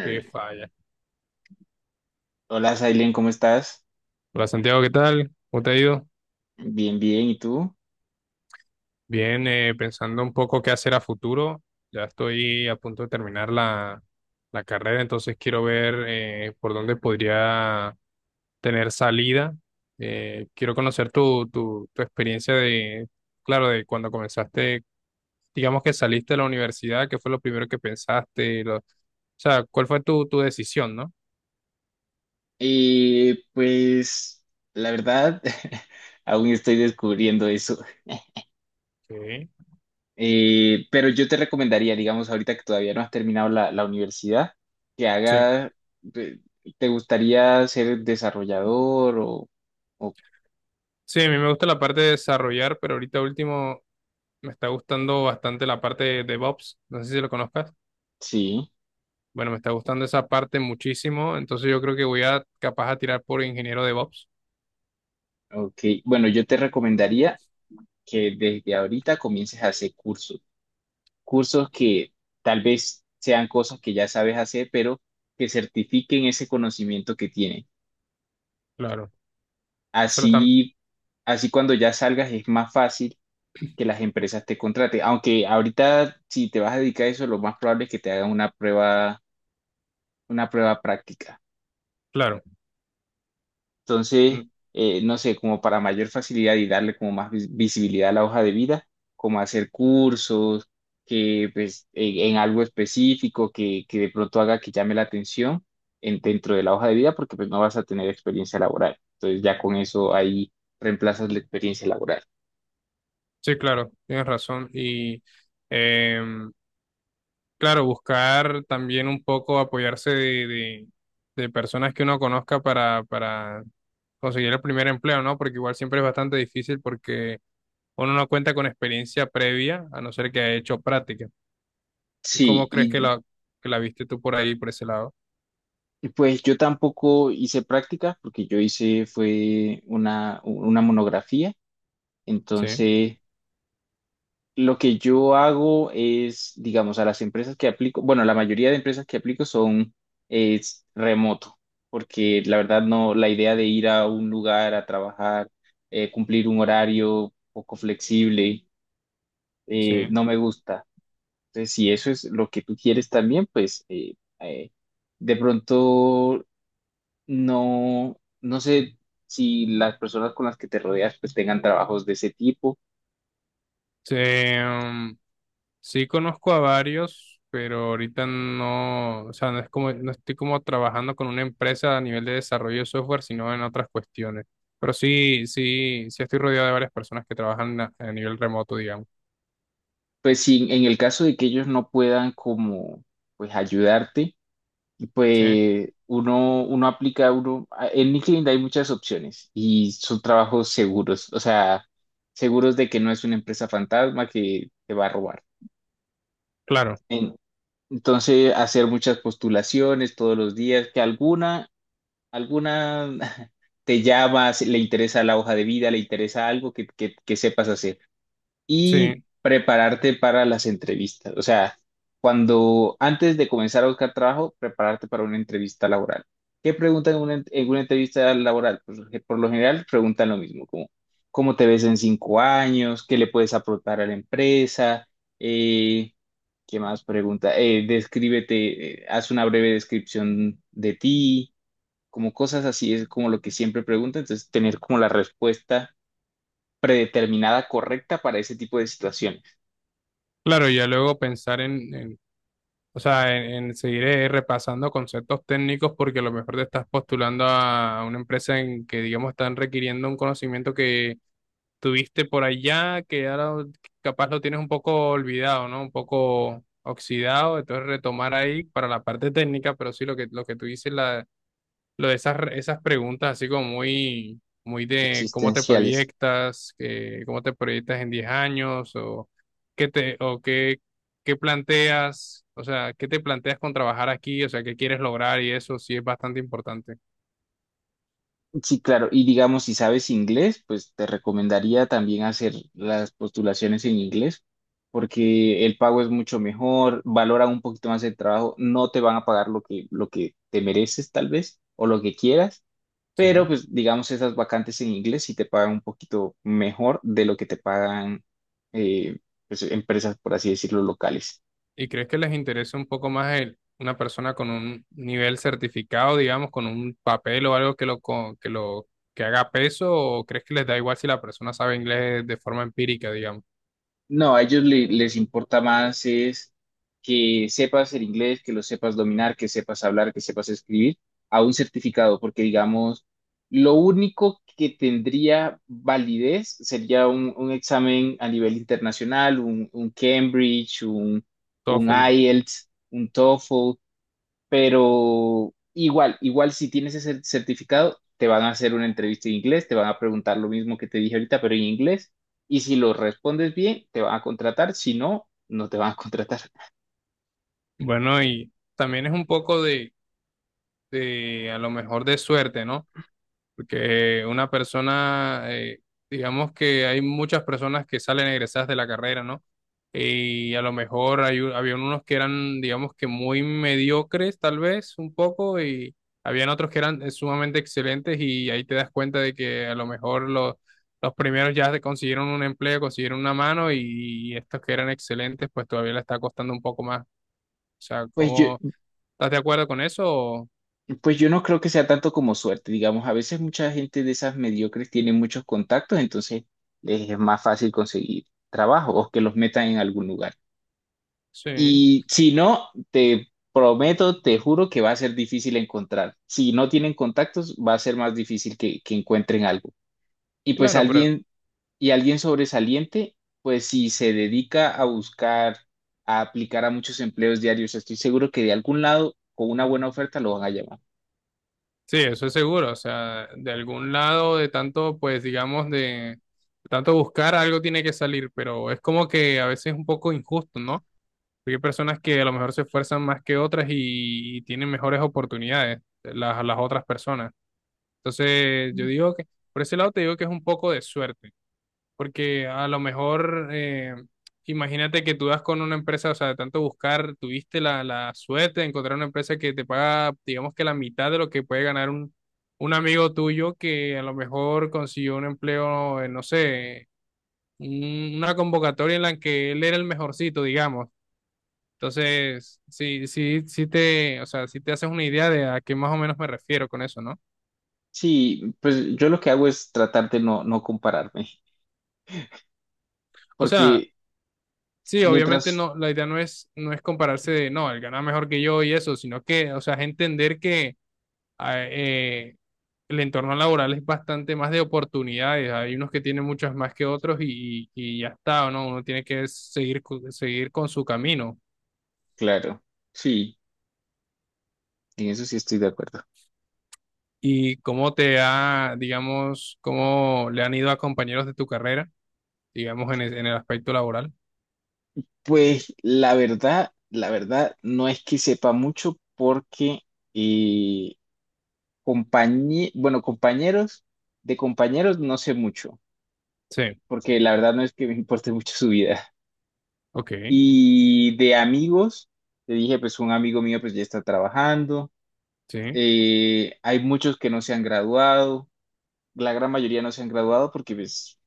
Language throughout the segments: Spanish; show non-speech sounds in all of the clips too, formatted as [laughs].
Qué falla. Hola, Sailen, ¿cómo estás? Hola Santiago, ¿qué tal? ¿Cómo te ha ido? Bien, bien, ¿y tú? Bien, pensando un poco qué hacer a futuro. Ya estoy a punto de terminar la carrera, entonces quiero ver por dónde podría tener salida. Quiero conocer tu experiencia de, claro, de cuando comenzaste, digamos que saliste de la universidad, ¿qué fue lo primero que pensaste? O sea, ¿cuál fue tu decisión, no? Pues la verdad, [laughs] aún estoy descubriendo eso. Sí. Pero yo te recomendaría, digamos, ahorita que todavía no has terminado la universidad, que Sí. haga, de- ¿te gustaría ser desarrollador o Sí, a mí me gusta la parte de desarrollar, pero ahorita último me está gustando bastante la parte de DevOps. No sé si lo conozcas. sí? Bueno, me está gustando esa parte muchísimo, entonces yo creo que voy a capaz a tirar por ingeniero DevOps. Ok, bueno, yo te recomendaría que desde ahorita comiences a hacer cursos. Cursos que tal vez sean cosas que ya sabes hacer, pero que certifiquen ese conocimiento que tienes. Claro, eso lo están, Así, así cuando ya salgas es más fácil que las empresas te contraten. Aunque ahorita si te vas a dedicar a eso, lo más probable es que te hagan una prueba práctica. claro. Entonces, Mm. No sé, como para mayor facilidad y darle como más visibilidad a la hoja de vida, como hacer cursos, que pues en algo específico que de pronto haga que llame la atención en, dentro de la hoja de vida, porque pues no vas a tener experiencia laboral. Entonces ya con eso ahí reemplazas la experiencia laboral. Sí, claro, tienes razón. Y em, claro, buscar también un poco apoyarse de, de personas que uno conozca para conseguir el primer empleo, ¿no? Porque igual siempre es bastante difícil porque uno no cuenta con experiencia previa, a no ser que haya hecho práctica. Sí, ¿Cómo crees que la, que la viste tú por ahí, por ese lado? y, pues yo tampoco hice práctica, porque yo hice fue una monografía, Sí, entonces lo que yo hago es, digamos, a las empresas que aplico, bueno, la mayoría de empresas que aplico son es remoto, porque la verdad no, la idea de ir a un lugar a trabajar, cumplir un horario poco flexible, sí. no me gusta. Entonces, si eso es lo que tú quieres también, pues de pronto no, no sé si las personas con las que te rodeas pues tengan trabajos de ese tipo. Sí, sí conozco a varios, pero ahorita no, o sea, no es como, no estoy como trabajando con una empresa a nivel de desarrollo de software, sino en otras cuestiones. Pero sí, sí, sí estoy rodeado de varias personas que trabajan a nivel remoto, digamos. Pues sí, en el caso de que ellos no puedan como pues ayudarte, Sí, pues uno, uno aplica, uno, en LinkedIn hay muchas opciones y son trabajos seguros, o sea, seguros de que no es una empresa fantasma que te va a robar. claro, En- Entonces, hacer muchas postulaciones todos los días, que alguna, alguna [laughs] te llamas, le interesa la hoja de vida, le interesa algo que sepas hacer. Y sí. prepararte para las entrevistas. O sea, cuando antes de comenzar a buscar trabajo, prepararte para una entrevista laboral. ¿Qué preguntan en una, en una entrevista laboral? Pues, que por lo general preguntan lo mismo, como cómo te ves en cinco años, qué le puedes aportar a la empresa, Eh, ¿qué más pregunta? Descríbete, haz una breve descripción de ti, como cosas así, es como lo que siempre preguntan, entonces tener como la respuesta predeterminada correcta para ese tipo de situaciones Claro, ya luego pensar o sea, en seguir repasando conceptos técnicos porque a lo mejor te estás postulando a una empresa en que, digamos, están requiriendo un conocimiento que tuviste por allá, que ahora capaz lo tienes un poco olvidado, ¿no? Un poco oxidado, entonces retomar ahí para la parte técnica, pero sí lo que, tú dices, lo de esas, esas preguntas así como muy, muy de cómo te existenciales. proyectas, que, cómo te proyectas en 10 años o qué te, o qué, qué planteas, o sea, qué te planteas con trabajar aquí, o sea, qué quieres lograr y eso sí es bastante importante. Sí, claro. Y digamos, si sabes inglés, pues te recomendaría también hacer las postulaciones en inglés, porque el pago es mucho mejor, valora un poquito más el trabajo, no te van a pagar lo que te mereces tal vez o lo que quieras, Sí. pero pues digamos, esas vacantes en inglés sí te pagan un poquito mejor de lo que te pagan eh, pues, empresas, por así decirlo, locales. ¿Y crees que les interesa un poco más una persona con un nivel certificado, digamos, con un papel o algo que lo, co- que lo, que haga peso o crees que les da igual si la persona sabe inglés de forma empírica, digamos? No, a ellos les importa más es que sepas el inglés, que lo sepas dominar, que sepas hablar, que sepas escribir, a un certificado, porque digamos, lo único que tendría validez sería un examen a nivel internacional, un Cambridge, un IELTS, un TOEFL, pero igual, igual si tienes ese certificado, te van a hacer una entrevista en inglés, te van a preguntar lo mismo que te dije ahorita, pero en inglés. Y si lo respondes bien, te van a contratar. Si no, no te van a [laughs] contratar. Bueno, y también es un poco a lo mejor de suerte, ¿no? Porque una persona, digamos que hay muchas personas que salen egresadas de la carrera, ¿no? Y a lo mejor había unos que eran, digamos que muy mediocres, tal vez, un poco, y habían otros que eran sumamente excelentes, y ahí te das cuenta de que a lo mejor los primeros ya consiguieron un empleo, consiguieron una mano, y estos que eran excelentes, pues todavía le está costando un poco más. O sea, Pues yo, ¿cómo estás de acuerdo con eso? Pues yo no creo que sea tanto como suerte. Digamos, a veces mucha gente de esas mediocres tiene muchos contactos, entonces les es más fácil conseguir trabajo o que los metan en algún lugar. Sí, Y si no, te prometo, te juro que va a ser difícil encontrar. Si no tienen contactos, va a ser más difícil que encuentren algo. Y pues claro, pero alguien, y alguien sobresaliente, pues si se dedica a buscar, a aplicar a muchos empleos diarios, estoy seguro que de algún lado, con una buena oferta, lo van a llamar. sí, eso es seguro. O sea, de algún lado, de tanto, pues digamos, de, tanto buscar, algo tiene que salir, pero es como que a veces es un poco injusto, ¿no? Porque hay personas que a lo mejor se esfuerzan más que otras y tienen mejores oportunidades las otras personas. Entonces, yo digo por ese lado te digo que es un poco de suerte. Porque a lo mejor, imagínate que tú das con una empresa, o sea, de tanto buscar, tuviste la, suerte de encontrar una empresa que te paga, digamos que la mitad de lo que puede ganar un amigo tuyo que a lo mejor consiguió un empleo, en, no sé, una convocatoria en la que él era el mejorcito, digamos. Entonces, sí, sí, o sea, sí te haces una idea de a qué más o menos me refiero con eso, ¿no? Sí, pues yo lo que hago es tratar de no, no compararme, O sea, porque sí, obviamente mientras, no, la idea no es compararse de, no, él gana mejor que yo y eso, sino que, o sea, es entender que ah, eh, el entorno laboral es bastante más de oportunidades, hay unos que tienen muchas más que otros y ya está, ¿no? Uno tiene que seguir, seguir con su camino. claro, sí, en eso sí estoy de acuerdo. ¿Y cómo digamos, cómo le han ido a compañeros de tu carrera, digamos, en el aspecto laboral? Pues la verdad no es que sepa mucho porque eh, bueno, compañeros, de compañeros no sé mucho, Sí, porque la verdad no es que me importe [laughs] mucho su vida. ok, Y de amigos, te dije, pues un amigo mío pues ya está trabajando, sí, hay muchos que no se han graduado, la gran mayoría no se han graduado porque pues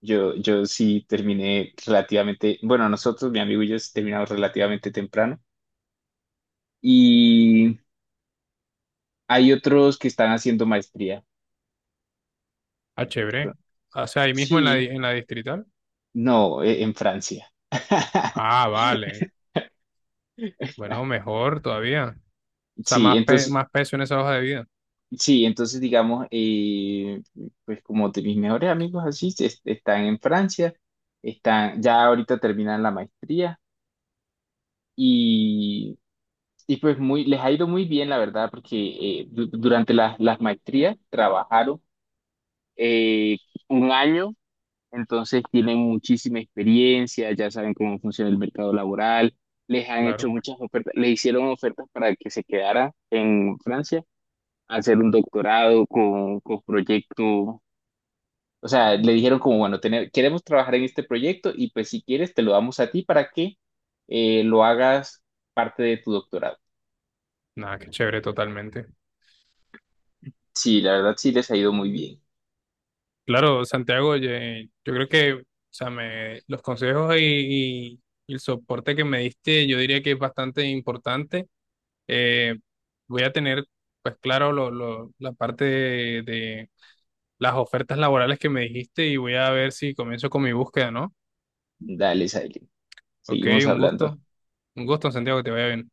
yo sí terminé relativamente, bueno, nosotros, mi amigo y yo sí terminamos relativamente temprano. Hay otros que están haciendo maestría. ah, chévere. O sea, ahí mismo Sí, en la distrital. no, en Francia. [laughs] Ah, vale. Bueno, mejor todavía. O sea, Sí, más, entonces, más peso en esa hoja de vida. sí, entonces digamos, pues como de mis mejores amigos así, están en Francia, están, ya ahorita terminan la maestría y, y pues muy, les ha ido muy bien, la verdad, porque durante las maestrías trabajaron eh, un año. Entonces tienen muchísima experiencia, ya saben cómo funciona el mercado laboral, les han hecho Claro. muchas ofertas, les hicieron ofertas para que se quedara en Francia, hacer un doctorado con proyecto, o sea, le dijeron como, bueno, tener, queremos trabajar en este proyecto y pues si quieres te lo damos a ti para que lo hagas parte de tu doctorado. Nada, qué chévere totalmente. Sí, la verdad sí les ha ido muy bien. Claro, Santiago, oye, yo creo que, o sea, los consejos y el soporte que me diste, yo diría que es bastante importante. Eh, Voy a tener, pues claro, la parte de, las ofertas laborales que me dijiste y voy a ver si comienzo con mi búsqueda, ¿no? Dale, Silent, Ok, seguimos un hablando. gusto. Un gusto, Santiago, que te vaya bien.